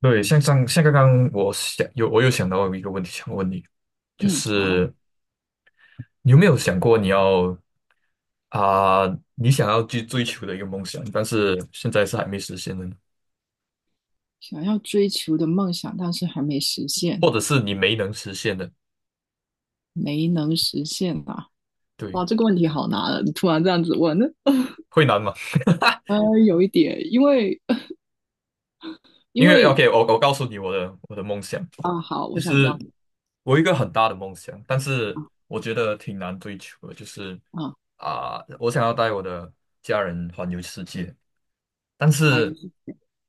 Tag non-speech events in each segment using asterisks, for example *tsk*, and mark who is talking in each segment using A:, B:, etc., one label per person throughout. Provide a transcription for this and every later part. A: 对，像刚刚我有想到一个问题想问你，就
B: 嗯，好，
A: 是你有没有想过啊、你想要去追求的一个梦想，但是现在是还没实现的呢？
B: 想要追求的梦想，但是还没实现，
A: 或者是你没能实现的？
B: 没能实现啊！
A: 对，
B: 哇，这个问题好难啊！你突然这样子问，*laughs* 呢？
A: 会难吗？
B: 呃，有一点，因为因
A: 因为
B: 为
A: OK，我告诉你我的梦想，
B: 啊，好，我
A: 就
B: 想知道。
A: 是我有一个很大的梦想，但是我觉得挺难追求的，就是
B: 啊，
A: 我想要带我的家人环游世界，但
B: 怀
A: 是
B: 疑。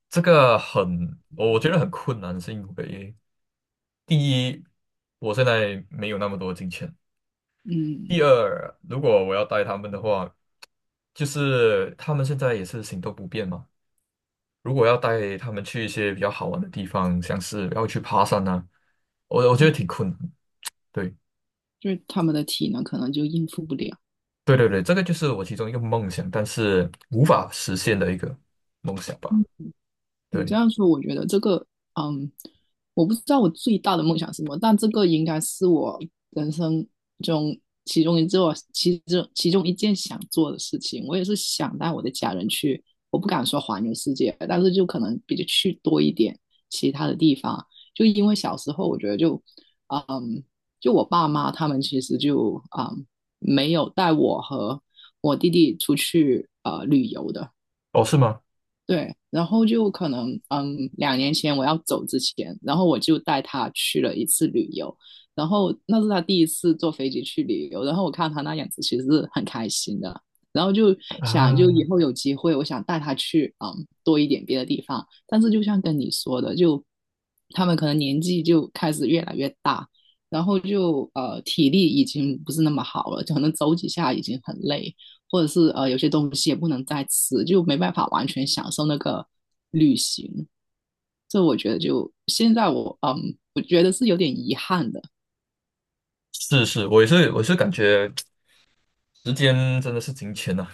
A: 这个很，我觉得很困难，是因为第一，我现在没有那么多金钱；
B: 嗯
A: 第二，如果我要带他们的话，就是他们现在也是行动不便嘛。如果要带他们去一些比较好玩的地方，像是要去爬山啊，我觉得
B: 嗯，
A: 挺困难。对，
B: 就是他们的体能可能就应付不了。
A: 对对对，这个就是我其中一个梦想，但是无法实现的一个梦想吧。
B: 嗯你这
A: 对，
B: 样说，我觉得这个，嗯，我不知道我最大的梦想是什么，但这个应该是我人生中其中一件想做的事情。我也是想带我的家人去，我不敢说环游世界，但是就可能比较去多一点其他的地方。就因为小时候，我觉得就，嗯，就我爸妈他们其实就，没有带我和我弟弟出去旅游的。
A: 哦，是吗？
B: 对，然后就可能，2年前我要走之前，然后我就带他去了一次旅游，然后那是他第一次坐飞机去旅游，然后我看他那样子其实是很开心的，然后就想就以
A: 啊，
B: 后有机会，我想带他去，多一点别的地方。但是就像跟你说的，就他们可能年纪就开始越来越大，然后就体力已经不是那么好了，可能走几下已经很累，或者是有些东西也不能再吃，就没办法完全享受那个旅行。这我觉得就现在我我觉得是有点遗憾的。
A: 是是，我也是，我是感觉。时间真的是金钱呐、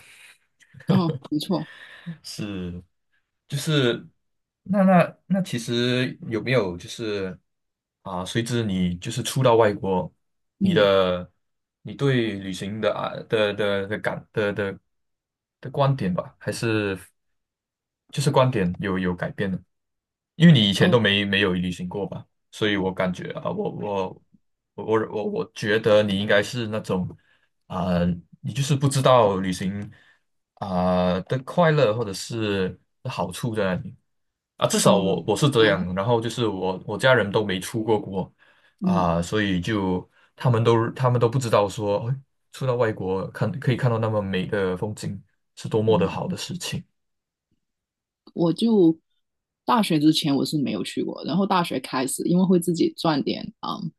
B: 哦，没错。
A: *laughs* 是，就是那其实有没有就是随之你就是出到外国，你
B: 嗯。
A: 的你对旅行的啊的的的感的的的观点吧？还是就是观点有改变呢？因为你以前
B: 哦。
A: 都没有旅行过吧，所以我感觉啊，我觉得你应该是那种啊，你就是不知道旅行的快乐或者是好处在哪里啊？至少我
B: 嗯。
A: 我是这
B: 啊。
A: 样，然后就是我家人都没出过国
B: 嗯
A: 啊、所以就他们都不知道说，哎出到外国可以看到那么美的风景是多么的
B: 嗯。
A: 好的事情，
B: 我就大学之前我是没有去过，然后大学开始，因为会自己赚点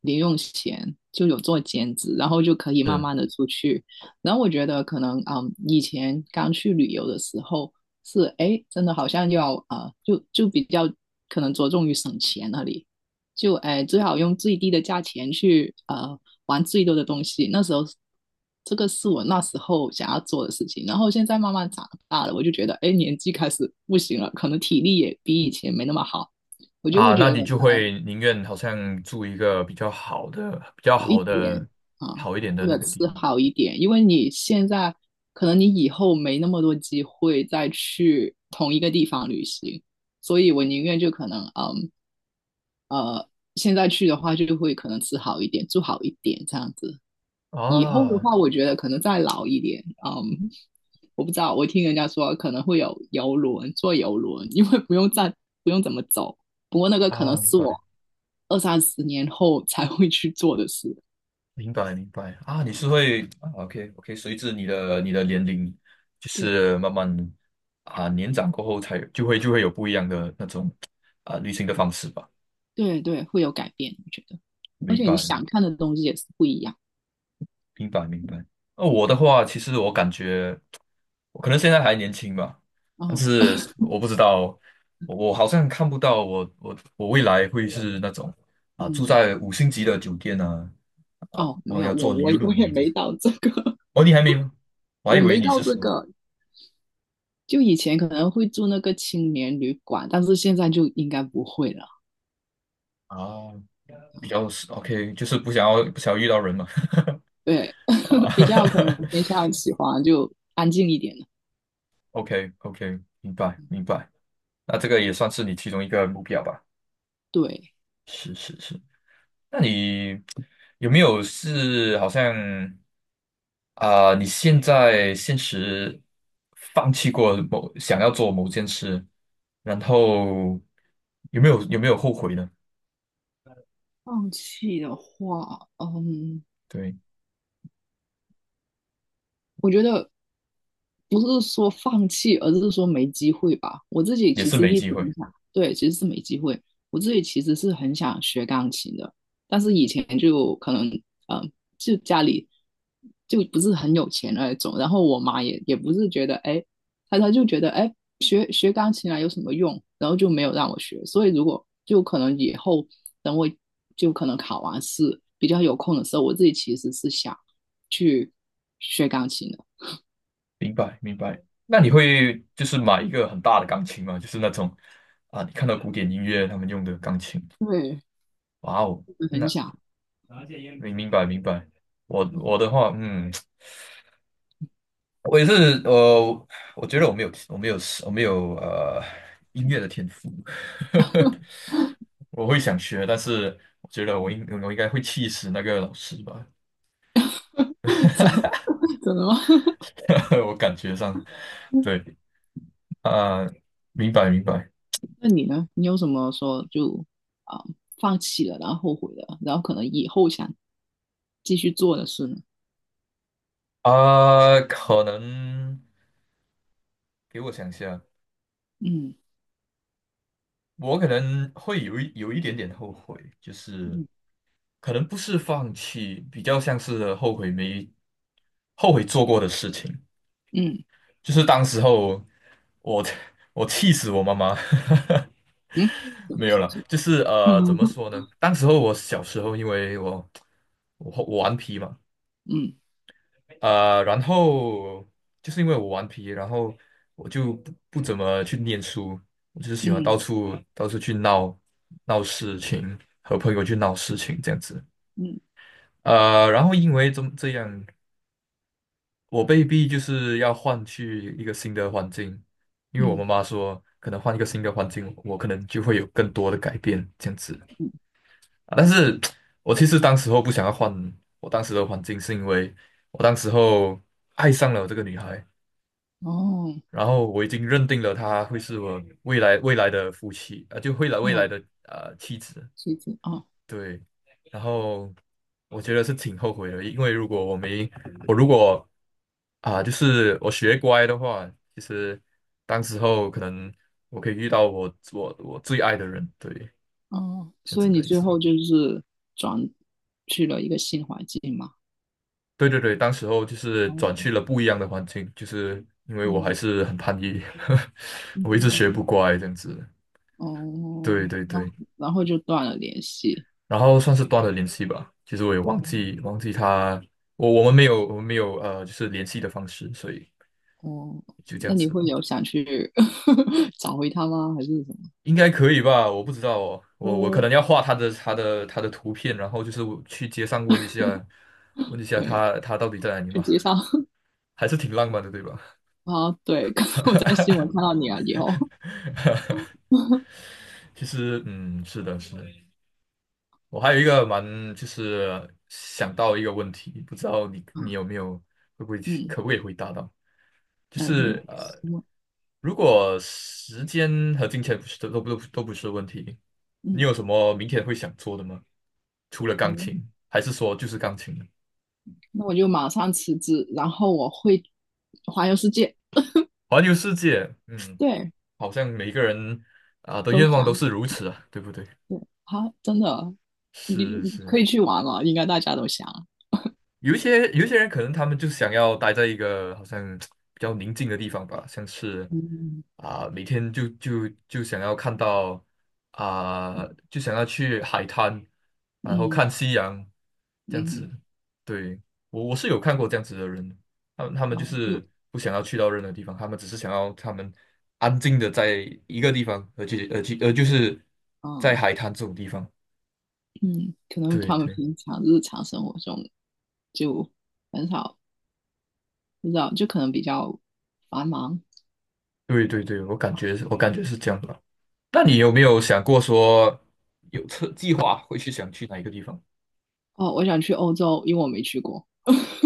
B: 零用钱，就有做兼职，然后就可以慢
A: 是
B: 慢的出去。然后我觉得可能以前刚去旅游的时候是哎真的好像要就比较可能着重于省钱那里，就哎，最好用最低的价钱去玩最多的东西。那时候，这个是我那时候想要做的事情。然后现在慢慢长大了，我就觉得哎，年纪开始不行了，可能体力也比以前没那么好，我就会
A: 啊，那
B: 觉得
A: 你就会宁愿好像住一个比较好的、比较
B: 好一
A: 好
B: 点
A: 的、
B: 啊，
A: 好一点
B: 或
A: 的那
B: 者
A: 个地
B: 吃
A: 方
B: 好一点，因为你现在可能你以后没那么多机会再去同一个地方旅行，所以我宁愿就可能呃。现在去的话，就会可能吃好一点，住好一点，这样子。以后的
A: 啊
B: 话，我觉得可能再老一点，我不知道，我听人家说可能会有游轮，坐游轮，因为不用再不用怎么走。不过那个可能
A: 啊，明
B: 是我
A: 白。
B: 二三十年后才会去做的事。
A: 明白明白啊，你是会啊，OK OK，随着你的年龄，就
B: 对
A: 是慢慢啊年长过后才就会有不一样的那种旅行的方式吧。
B: 对对，会有改变，我觉得。而
A: 明
B: 且你
A: 白
B: 想看的东西也是不一样。
A: 明白明白。那我的话，其实我感觉我可能现在还年轻吧，但
B: 哦。
A: 是我不知道，我好像看不到我未来会是那种住
B: 嗯。
A: 在五星级的酒店啊啊，
B: 哦，
A: 然
B: 没
A: 后
B: 有，
A: 要
B: 我
A: 坐游轮。
B: 也没到这个。
A: 哦，你还没吗？
B: *laughs*
A: 我还
B: 我
A: 以为
B: 没
A: 你
B: 到
A: 是
B: 这
A: 说
B: 个。就以前可能会住那个青年旅馆，但是现在就应该不会了。
A: 啊。比较是 OK，就是不想要遇到人嘛。
B: 对，
A: *laughs* 啊
B: *laughs*
A: *laughs*
B: 比较可能偏向喜欢就安静一点的。
A: ，OK OK，明白明白。那这个也算是你其中一个目标吧？
B: 对，
A: 是是是。那你有没有是好像啊、你现在现实放弃过想要做某件事，然后有没有后悔呢？
B: 放弃的话，
A: 对，
B: 我觉得不是说放弃，而是说没机会吧。我自己
A: 也
B: 其
A: 是
B: 实
A: 没
B: 一直
A: 机会。
B: 很想，对，其实是没机会。我自己其实是很想学钢琴的，但是以前就可能，嗯、就家里就不是很有钱那种。然后我妈也不是觉得，哎，她就觉得，哎，学学钢琴啊有什么用？然后就没有让我学。所以如果就可能以后等我就可能考完试比较有空的时候，我自己其实是想去学钢琴的。
A: 明白明白。那你会就是买一个很大的钢琴吗？就是那种你看到古典音乐他们用的钢琴。
B: 对，
A: 哇哦，
B: 很
A: 那
B: 想。
A: 明白明白。我
B: 嗯
A: 的话，我也是，呃，我觉得我没有音乐
B: 嗯，
A: 的天赋，*laughs* 我会想学，但是我觉得我应该会气死那个老师吧，
B: 怎怎么？*laughs* 吗？
A: *laughs* 我感觉上，对，
B: *laughs*
A: 啊、明白明白。
B: 那你呢？你有什么说就啊、放弃了，然后后悔了，然后可能以后想继续做的事呢？
A: 可能给我想一下，
B: 嗯
A: 我可能会有一点点后悔，就是
B: 嗯
A: 可能不是放弃，比较像是后悔没后悔做过的事情。
B: 嗯
A: 就是当时候我 *laughs* 我气死我妈妈，
B: 嗯，
A: *laughs*
B: 是不
A: 没有
B: 是
A: 了。
B: 是不是
A: 就是怎么
B: *laughs*
A: 说呢？当时候我小时候，因为我顽皮嘛。
B: 嗯嗯
A: 然后就是因为我顽皮，然后我就不怎么去念书，我就是喜欢到处到处去闹事情，和朋友去闹事情这样子。
B: 嗯
A: 然后因为这样，我被逼就是要换去一个新的环境，因为我妈
B: 嗯
A: 妈说，可能换一个新的环境，我可能就会有更多的改变这样子
B: 嗯，
A: 啊。但是 *tsk* 我其实当时候不想要换我当时的环境，是因为我当时候爱上了这个女孩。
B: 哦
A: 然后我已经认定了她会是我未来的夫妻啊、呃就未来
B: 哦，
A: 的妻子。
B: 谢谢哦。
A: 对，然后我觉得是挺后悔的，因为如果我没我如果就是我学乖的话，其实当时候可能我可以遇到我最爱的人，对，
B: 哦，
A: 这样
B: 所以
A: 子
B: 你
A: 的意
B: 最
A: 思。
B: 后就是转去了一个新环境嘛？
A: 对对对，当时候就是
B: 哦。
A: 转去了不一样的环境，就是因为我还
B: 嗯
A: 是很叛逆，*laughs*
B: 嗯
A: 我一直学不
B: 嗯。
A: 乖这样子。
B: 哦，
A: 对对
B: 然
A: 对。
B: 后然后就断了联系。
A: 然后算是断了联系吧。其实我也忘
B: 哦
A: 记忘记他，我们没有就是联系的方式，所以
B: 哦，
A: 就这
B: 那
A: 样
B: 你
A: 子
B: 会
A: 了，
B: 有想去 *laughs* 找回他吗？还是什么？
A: 应该可以吧？我不知道哦，我可
B: 嗯，
A: 能要画他的图片，然后就是我去街上问一下，问一下
B: 对，
A: 他到底在哪里
B: 去
A: 嘛，
B: 街上 *laughs*
A: 还是挺浪漫的，对吧？
B: 啊？对，*laughs* 刚刚我在新闻看
A: *laughs*
B: 到你啊，以后。
A: 其实是的，是的。我还有一个蛮，就是想到一个问题，不知道你
B: 嗯。
A: 有没有会不会去
B: 嗯，
A: 可不可以回答到？就
B: 哎，你
A: 是
B: 新闻。
A: 如果时间和金钱不是都都不都不是问题，你
B: 嗯。
A: 有什么明天会想做的吗？除了钢
B: 你
A: 琴，还是说就是钢琴呢？
B: 那我就马上辞职，然后我会环游世界。
A: 环游世界，
B: 对，
A: 好像每个人的
B: 都
A: 愿望都
B: 想。
A: 是如此啊，对不对？
B: 对，好，真的。你
A: 是
B: 你可
A: 是。
B: 以去玩了，应该大家都想。
A: 有一些人可能他们就想要待在一个好像比较宁静的地方吧，像是
B: 嗯
A: 每天就想要看到啊、就想要去海滩，然后
B: 嗯
A: 看夕阳这样
B: 嗯，
A: 子。对，我是有看过这样子的人，他们
B: 然
A: 就
B: 后就
A: 是不想要去到任何地方，他们只是想要他们安静的在一个地方，而且就是在
B: 嗯。
A: 海滩这种地方。
B: 嗯，可能
A: 对
B: 他们
A: 对
B: 平常日常生活中就很少，不知道，就可能比较繁忙。
A: 对对对，我感觉是这样吧。那你有没有想过说有车计划想去哪一个地方？
B: 哦，我想去欧洲，因为我没去过。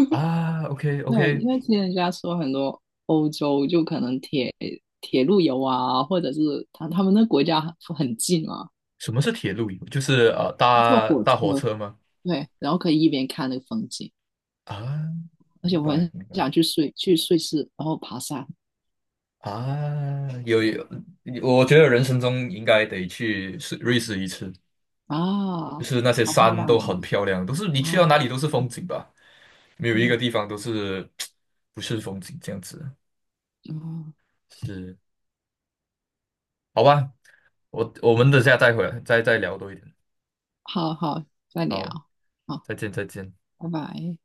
A: 啊？OK
B: 对，因
A: OK，
B: 为听人家说很多欧洲就可能铁路游啊，或者是他们那国家很近嘛，
A: 什么是铁路游？就是
B: 坐
A: 搭
B: 火
A: 搭火
B: 车，
A: 车吗？
B: 对，然后可以一边看那个风景，
A: 啊，
B: 而且
A: 明
B: 我
A: 白
B: 很
A: 明白
B: 想去瑞士，然后爬山
A: 啊，有有，我觉得人生中应该得去瑞士一次，
B: 啊，
A: 就是那些
B: 好漂
A: 山
B: 亮
A: 都很漂亮，都是你去到哪里
B: 啊，
A: 都是风
B: 嗯
A: 景吧，没有一个
B: 嗯
A: 地方都是 *tsk* 不是风景这样子。
B: 啊。
A: 是，好吧，我们等下再回来再聊多一点。
B: 好好，再聊，
A: 好，
B: 好，
A: 再见再见。
B: 拜拜。